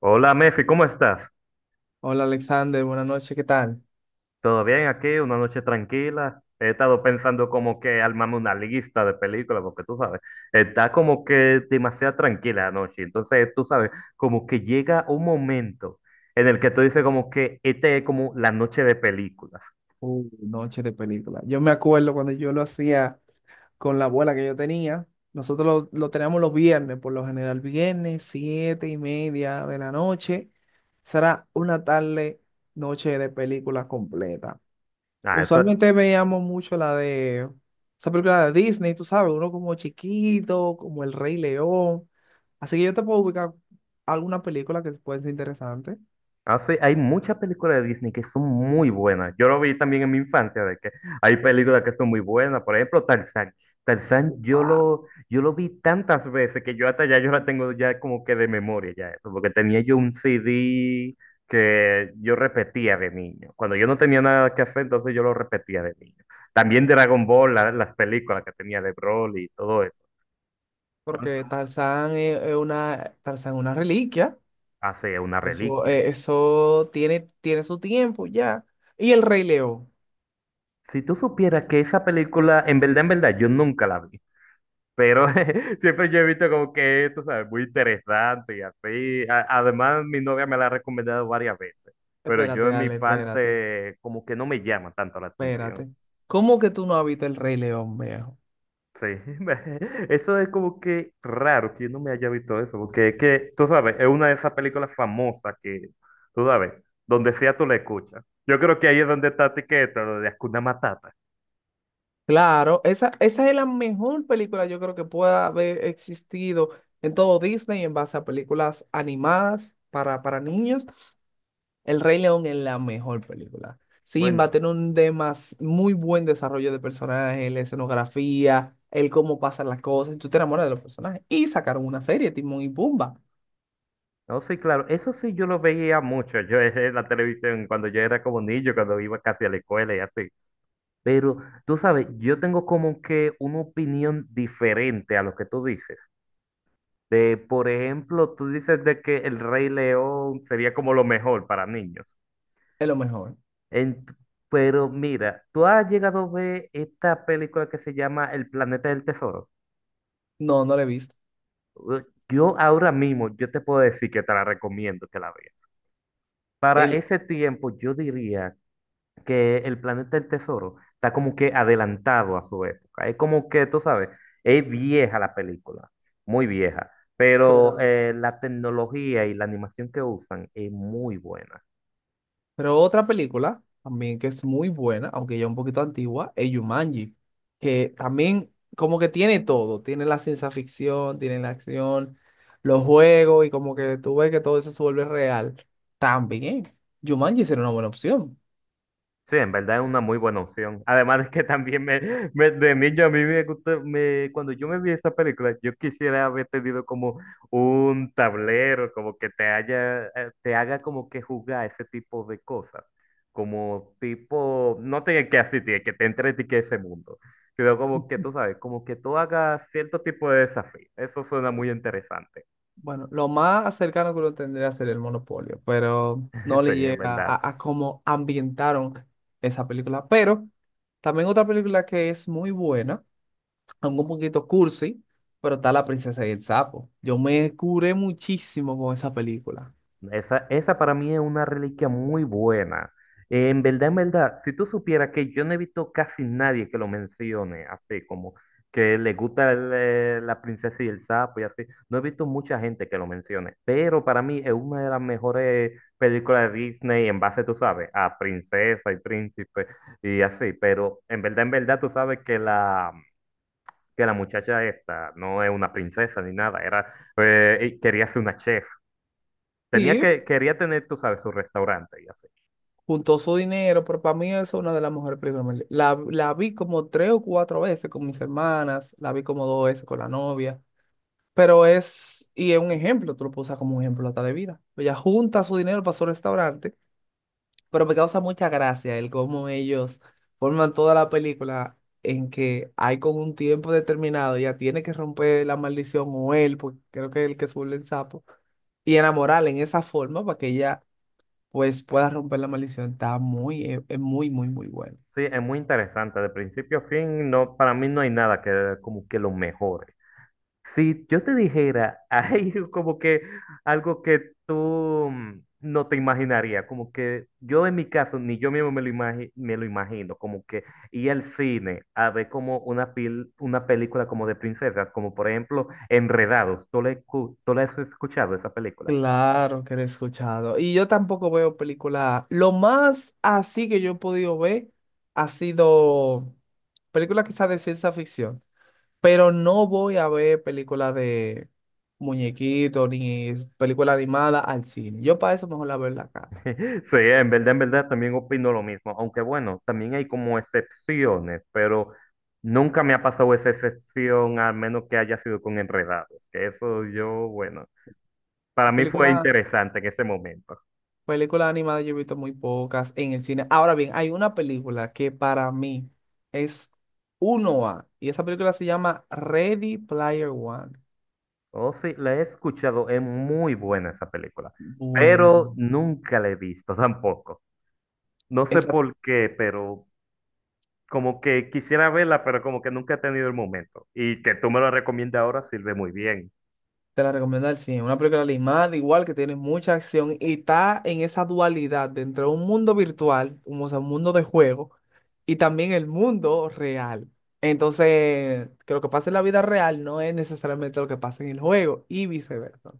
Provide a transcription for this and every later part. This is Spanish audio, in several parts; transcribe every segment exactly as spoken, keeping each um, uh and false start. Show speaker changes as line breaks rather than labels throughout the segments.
Hola Mefi, ¿cómo estás?
Hola Alexander, buenas noches, ¿qué tal?
¿Todo bien aquí? Una noche tranquila. He estado pensando como que armarme una lista de películas, porque tú sabes, está como que demasiado tranquila la noche. Entonces, tú sabes, como que llega un momento en el que tú dices como que esta es como la noche de películas.
Uh, noche de película. Yo me acuerdo cuando yo lo hacía con la abuela que yo tenía. Nosotros lo, lo teníamos los viernes, por lo general, viernes, siete y media de la noche. Será una tarde, noche de película completa.
Ah, eso.
Usualmente veíamos mucho la de esa película de Disney, tú sabes, uno como chiquito, como El Rey León. Así que yo te puedo ubicar alguna película que puede ser interesante.
Hace, hay muchas películas de Disney que son muy buenas. Yo lo vi también en mi infancia, de que hay películas que son muy buenas. Por ejemplo, Tarzán. Tarzán, yo lo, yo lo vi tantas veces que yo hasta ya yo la tengo ya como que de memoria ya eso, porque tenía yo un C D que yo repetía de niño. Cuando yo no tenía nada que hacer, entonces yo lo repetía de niño. También Dragon Ball, la- las películas que tenía de Broly y todo eso,
Porque Tarzán es es una, Tarzán es una reliquia.
hace una
Eso,
reliquia.
eh, eso tiene, tiene su tiempo ya. Y el Rey León.
Si tú supieras que esa película, en verdad, en verdad, yo nunca la vi. Pero siempre yo he visto como que esto, ¿sabes? Muy interesante y así. A- además, mi novia me la ha recomendado varias veces, pero
Espérate,
yo en mi
dale, espérate,
parte como que no me llama tanto la atención.
espérate. ¿Cómo que tú no has visto el Rey León, viejo?
Sí, me- eso es como que raro que yo no me haya visto eso, porque es que, tú sabes, es una de esas películas famosas que, tú sabes, donde sea tú la escuchas. Yo creo que ahí es donde está etiqueta, lo de Hakuna Matata.
Claro, esa, esa es la mejor película yo creo que pueda haber existido en todo Disney en base a películas animadas para, para niños. El Rey León es la mejor película. Simba
Bueno,
tiene un demas muy buen desarrollo de personajes, la escenografía, el cómo pasan las cosas, y tú te enamoras de los personajes. Y sacaron una serie, Timón y Pumba,
no, sí, claro, eso sí yo lo veía mucho, yo en la televisión cuando yo era como niño, cuando iba casi a la escuela y así. Pero tú sabes, yo tengo como que una opinión diferente a lo que tú dices. De, por ejemplo, tú dices de que El Rey León sería como lo mejor para niños.
es lo mejor.
Ent- pero mira, tú has llegado a ver esta película que se llama El Planeta del Tesoro.
No, no la he visto.
Uh, Yo ahora mismo, yo te puedo decir que te la recomiendo que la veas. Para
El,
ese tiempo, yo diría que el planeta del tesoro está como que adelantado a su época. Es como que, tú sabes, es vieja la película, muy vieja, pero
Pero,
eh, la tecnología y la animación que usan es muy buena.
Pero otra película también que es muy buena, aunque ya un poquito antigua, es Jumanji, que también como que tiene todo, tiene la ciencia ficción, tiene la acción, los juegos y como que tú ves que todo eso se vuelve real. También Jumanji sería una buena opción.
Sí, en verdad es una muy buena opción. Además es que también me, me- de niño a mí me gusta, me, cuando yo me vi esa película, yo quisiera haber tenido como un tablero, como que te haya, eh, te haga como que jugar ese tipo de cosas. Como tipo, no tiene que asistir, que te entre que ese mundo, sino como que tú sabes, como que tú hagas cierto tipo de desafío. Eso suena muy interesante.
Bueno, lo más cercano que uno tendría sería el Monopolio, pero no
Sí,
le
en
llega a,
verdad.
a cómo ambientaron esa película. Pero también otra película que es muy buena aunque un poquito cursi, pero está La princesa y el sapo. Yo me curé muchísimo con esa película.
Esa, esa para mí es una reliquia muy buena. Eh, en verdad, en verdad, si tú supieras que yo no he visto casi nadie que lo mencione, así como que le gusta el, eh, la princesa y el sapo y así, no he visto mucha gente que lo mencione, pero para mí es una de las mejores películas de Disney en base, tú sabes, a princesa y príncipe y así, pero en verdad, en verdad, tú sabes que la, que la muchacha esta no es una princesa ni nada, era, eh, quería ser una chef. Tenía
Sí,
que, quería tener, tú sabes, su restaurante y así.
juntó su dinero, pero para mí es una de las mejores películas. La, la vi como tres o cuatro veces con mis hermanas, la vi como dos veces con la novia, pero es, y es un ejemplo, tú lo puedes usar como un ejemplo hasta de vida. Ella junta su dinero para su restaurante. Pero me causa mucha gracia el cómo ellos forman toda la película en que hay con un tiempo determinado, ya tiene que romper la maldición o él, porque creo que es el que se vuelve el sapo, y enamorarla en esa forma para que ella pues pueda romper la maldición. Está muy, es es muy, muy, muy bueno.
Sí, es muy interesante. De principio a fin, no, para mí no hay nada que como que lo mejore. Si yo te dijera, hay como que algo que tú mm, no te imaginarías, como que yo en mi caso, ni yo mismo me lo, imagi- me lo imagino, como que ir al cine a ver como una, pil- una película como de princesas, como por ejemplo Enredados. ¿Tú la, escu- tú la has escuchado esa película?
Claro que lo he escuchado. Y yo tampoco veo películas. Lo más así que yo he podido ver ha sido películas quizás de ciencia ficción. Pero no voy a ver películas de muñequitos ni películas animadas al cine. Yo para eso mejor la veo en la casa.
Sí, en verdad, en verdad también opino lo mismo, aunque bueno, también hay como excepciones, pero nunca me ha pasado esa excepción, al menos que haya sido con enredados, que eso yo, bueno, para mí fue
Películas
interesante en ese momento.
Películas animadas yo he visto muy pocas en el cine. Ahora bien, hay una película que para mí es uno a y esa película se llama Ready Player One.
Oh, sí, la he escuchado, es muy buena esa película, pero
Bueno,
nunca la he visto tampoco. No sé
esa
por qué, pero como que quisiera verla, pero como que nunca he tenido el momento. Y que tú me lo recomiendas ahora sirve muy bien.
te la recomiendo al cien. Una película animada, igual que tiene mucha acción y está en esa dualidad de entre un mundo virtual, como, o sea, un mundo de juego, y también el mundo real. Entonces, que lo que pasa en la vida real no es necesariamente lo que pasa en el juego y viceversa.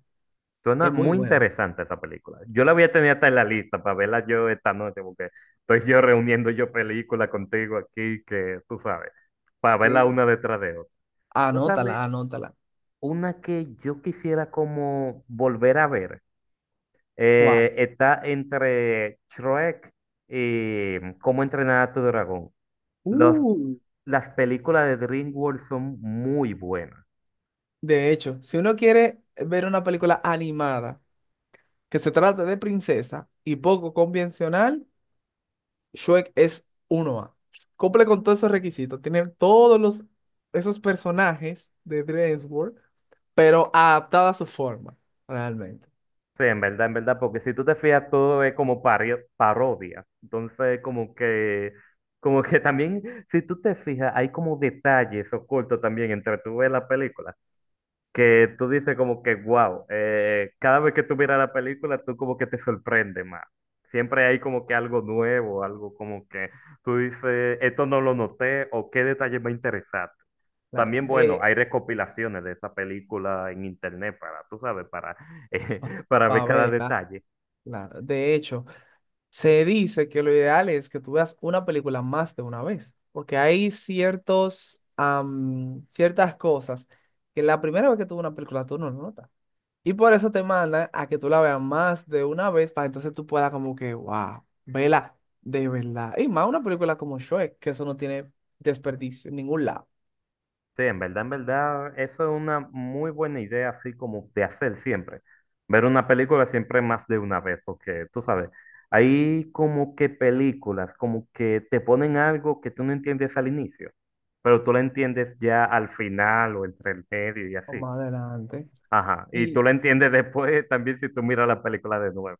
Suena
Es muy
muy
buena.
interesante esa película. Yo la voy a tener hasta en la lista para verla yo esta noche, porque estoy yo reuniendo yo películas contigo aquí, que tú sabes, para verla
Sí.
una detrás de otra. Tú sabes,
Anótala, anótala.
una que yo quisiera como volver a ver,
¿Cuál?
eh, está entre Shrek y Cómo entrenar a tu dragón. Los,
Uh,
las películas de DreamWorks son muy buenas.
de hecho, si uno quiere ver una película animada que se trate de princesa y poco convencional, Shrek es uno a cumple con todos esos requisitos. Tiene todos los, esos personajes de DreamWorks, pero adaptada a su forma, realmente.
Sí, en verdad, en verdad, porque si tú te fijas, todo es como pario- parodia. Entonces, como que, como que también, si tú te fijas, hay como detalles ocultos también entre tú ves la película, que tú dices como que, wow, cada vez que tú miras la película, tú como que te sorprende más. Siempre hay como que algo nuevo, algo como que tú dices, esto no lo noté, o qué detalle me interesante.
Claro.
También, bueno,
De
hay recopilaciones de esa película en internet para, tú sabes, para, eh,
Pa-
para ver cada
Pavela,
detalle.
claro. De hecho, se dice que lo ideal es que tú veas una película más de una vez, porque hay ciertos, am, ciertas cosas que la primera vez que tú ves una película tú no lo notas. Y por eso te mandan a que tú la veas más de una vez para entonces tú puedas como que, wow, vela de verdad. Y más una película como Shrek, que eso no tiene desperdicio en ningún lado.
Sí, en verdad, en verdad, eso es una muy buena idea, así como de hacer siempre. Ver una película siempre más de una vez, porque tú sabes, hay como que películas, como que te ponen algo que tú no entiendes al inicio, pero tú lo entiendes ya al final o entre el medio y
O
así.
más adelante.
Ajá, y tú
Y,
lo entiendes después también si tú miras la película de nuevo.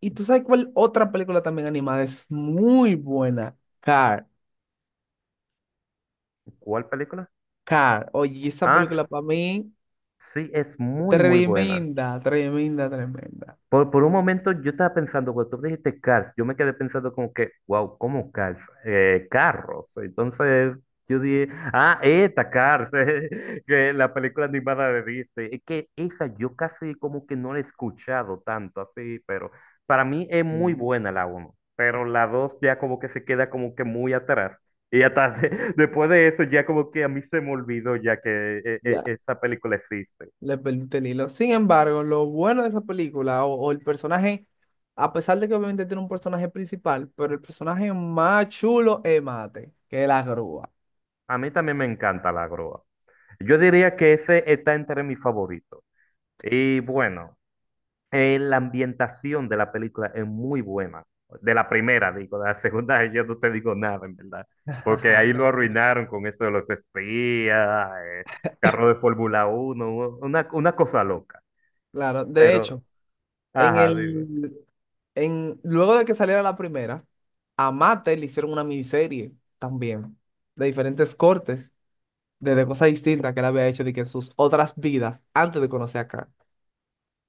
y tú sabes cuál otra película también animada es muy buena. Car,
¿Cuál película?
Car. Oye, esa
Ah,
película para mí,
sí, es muy, muy buena.
tremenda, tremenda, tremenda.
Por, por un momento yo estaba pensando, cuando tú dijiste Cars, yo me quedé pensando como que, wow, ¿cómo Cars? Eh, carros. Entonces yo dije, ah, esta Cars, eh, que la película animada de Disney. Es que esa yo casi como que no la he escuchado tanto así, pero para mí es muy
Mm,
buena la uno, pero la dos ya como que se queda como que muy atrás. Y hasta después de eso ya como que a mí se me olvidó ya que eh, eh,
Ya.
esa película existe.
Le perdiste el hilo. Sin embargo, lo bueno de esa película o, o el personaje, a pesar de que obviamente tiene un personaje principal, pero el personaje más chulo es Mate, que es la grúa.
A mí también me encanta la grúa. Yo diría que ese está entre mis favoritos. Y bueno, eh, la ambientación de la película es muy buena. De la primera, digo, de la segunda yo no te digo nada, en verdad. Porque ahí
De
lo
la primera.
arruinaron con eso de los espías, eh, carro de Fórmula Uno, una, una cosa loca.
Claro, de
Pero,
hecho, en
ajá, digo.
el, en, luego de que saliera la primera, a Mate le hicieron una miniserie también, de diferentes cortes, de, de cosas distintas que él había hecho de que sus otras vidas antes de conocer a Karen.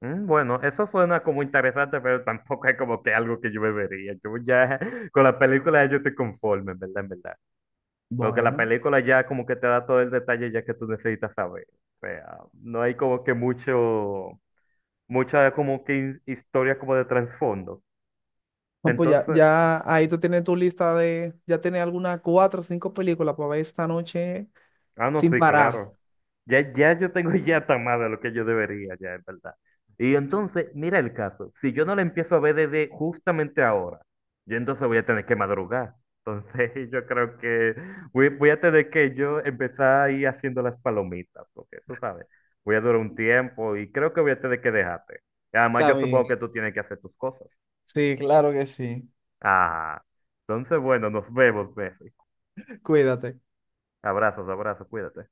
"Mm, bueno, eso suena como interesante, pero tampoco es como que algo que yo me vería. Yo ya con la película yo estoy conforme, en verdad, en verdad. Porque la
Bueno.
película ya como que te da todo el detalle ya que tú necesitas saber. O sea, no hay como que mucho, mucha como que his- historia como de trasfondo.
No, pues ya,
Entonces,
ya ahí tú tienes tu lista de, ya tienes algunas cuatro o cinco películas para ver esta noche
ah, no,
sin
sí,
parar.
claro. Ya, ya yo tengo ya hasta más de lo que yo debería, ya, es verdad. Y entonces, mira el caso. Si yo no la empiezo a ver desde justamente ahora, yo entonces voy a tener que madrugar. Entonces, yo creo que voy, voy a tener que yo empezar a ir haciendo las palomitas, porque tú sabes, voy a durar un tiempo y creo que voy a tener que dejarte. Y además, yo
Está
supongo que
bien.
tú tienes que hacer tus cosas.
Sí, claro que sí.
Ah, entonces, bueno, nos vemos, Messi.
Cuídate.
Abrazos, abrazos, cuídate.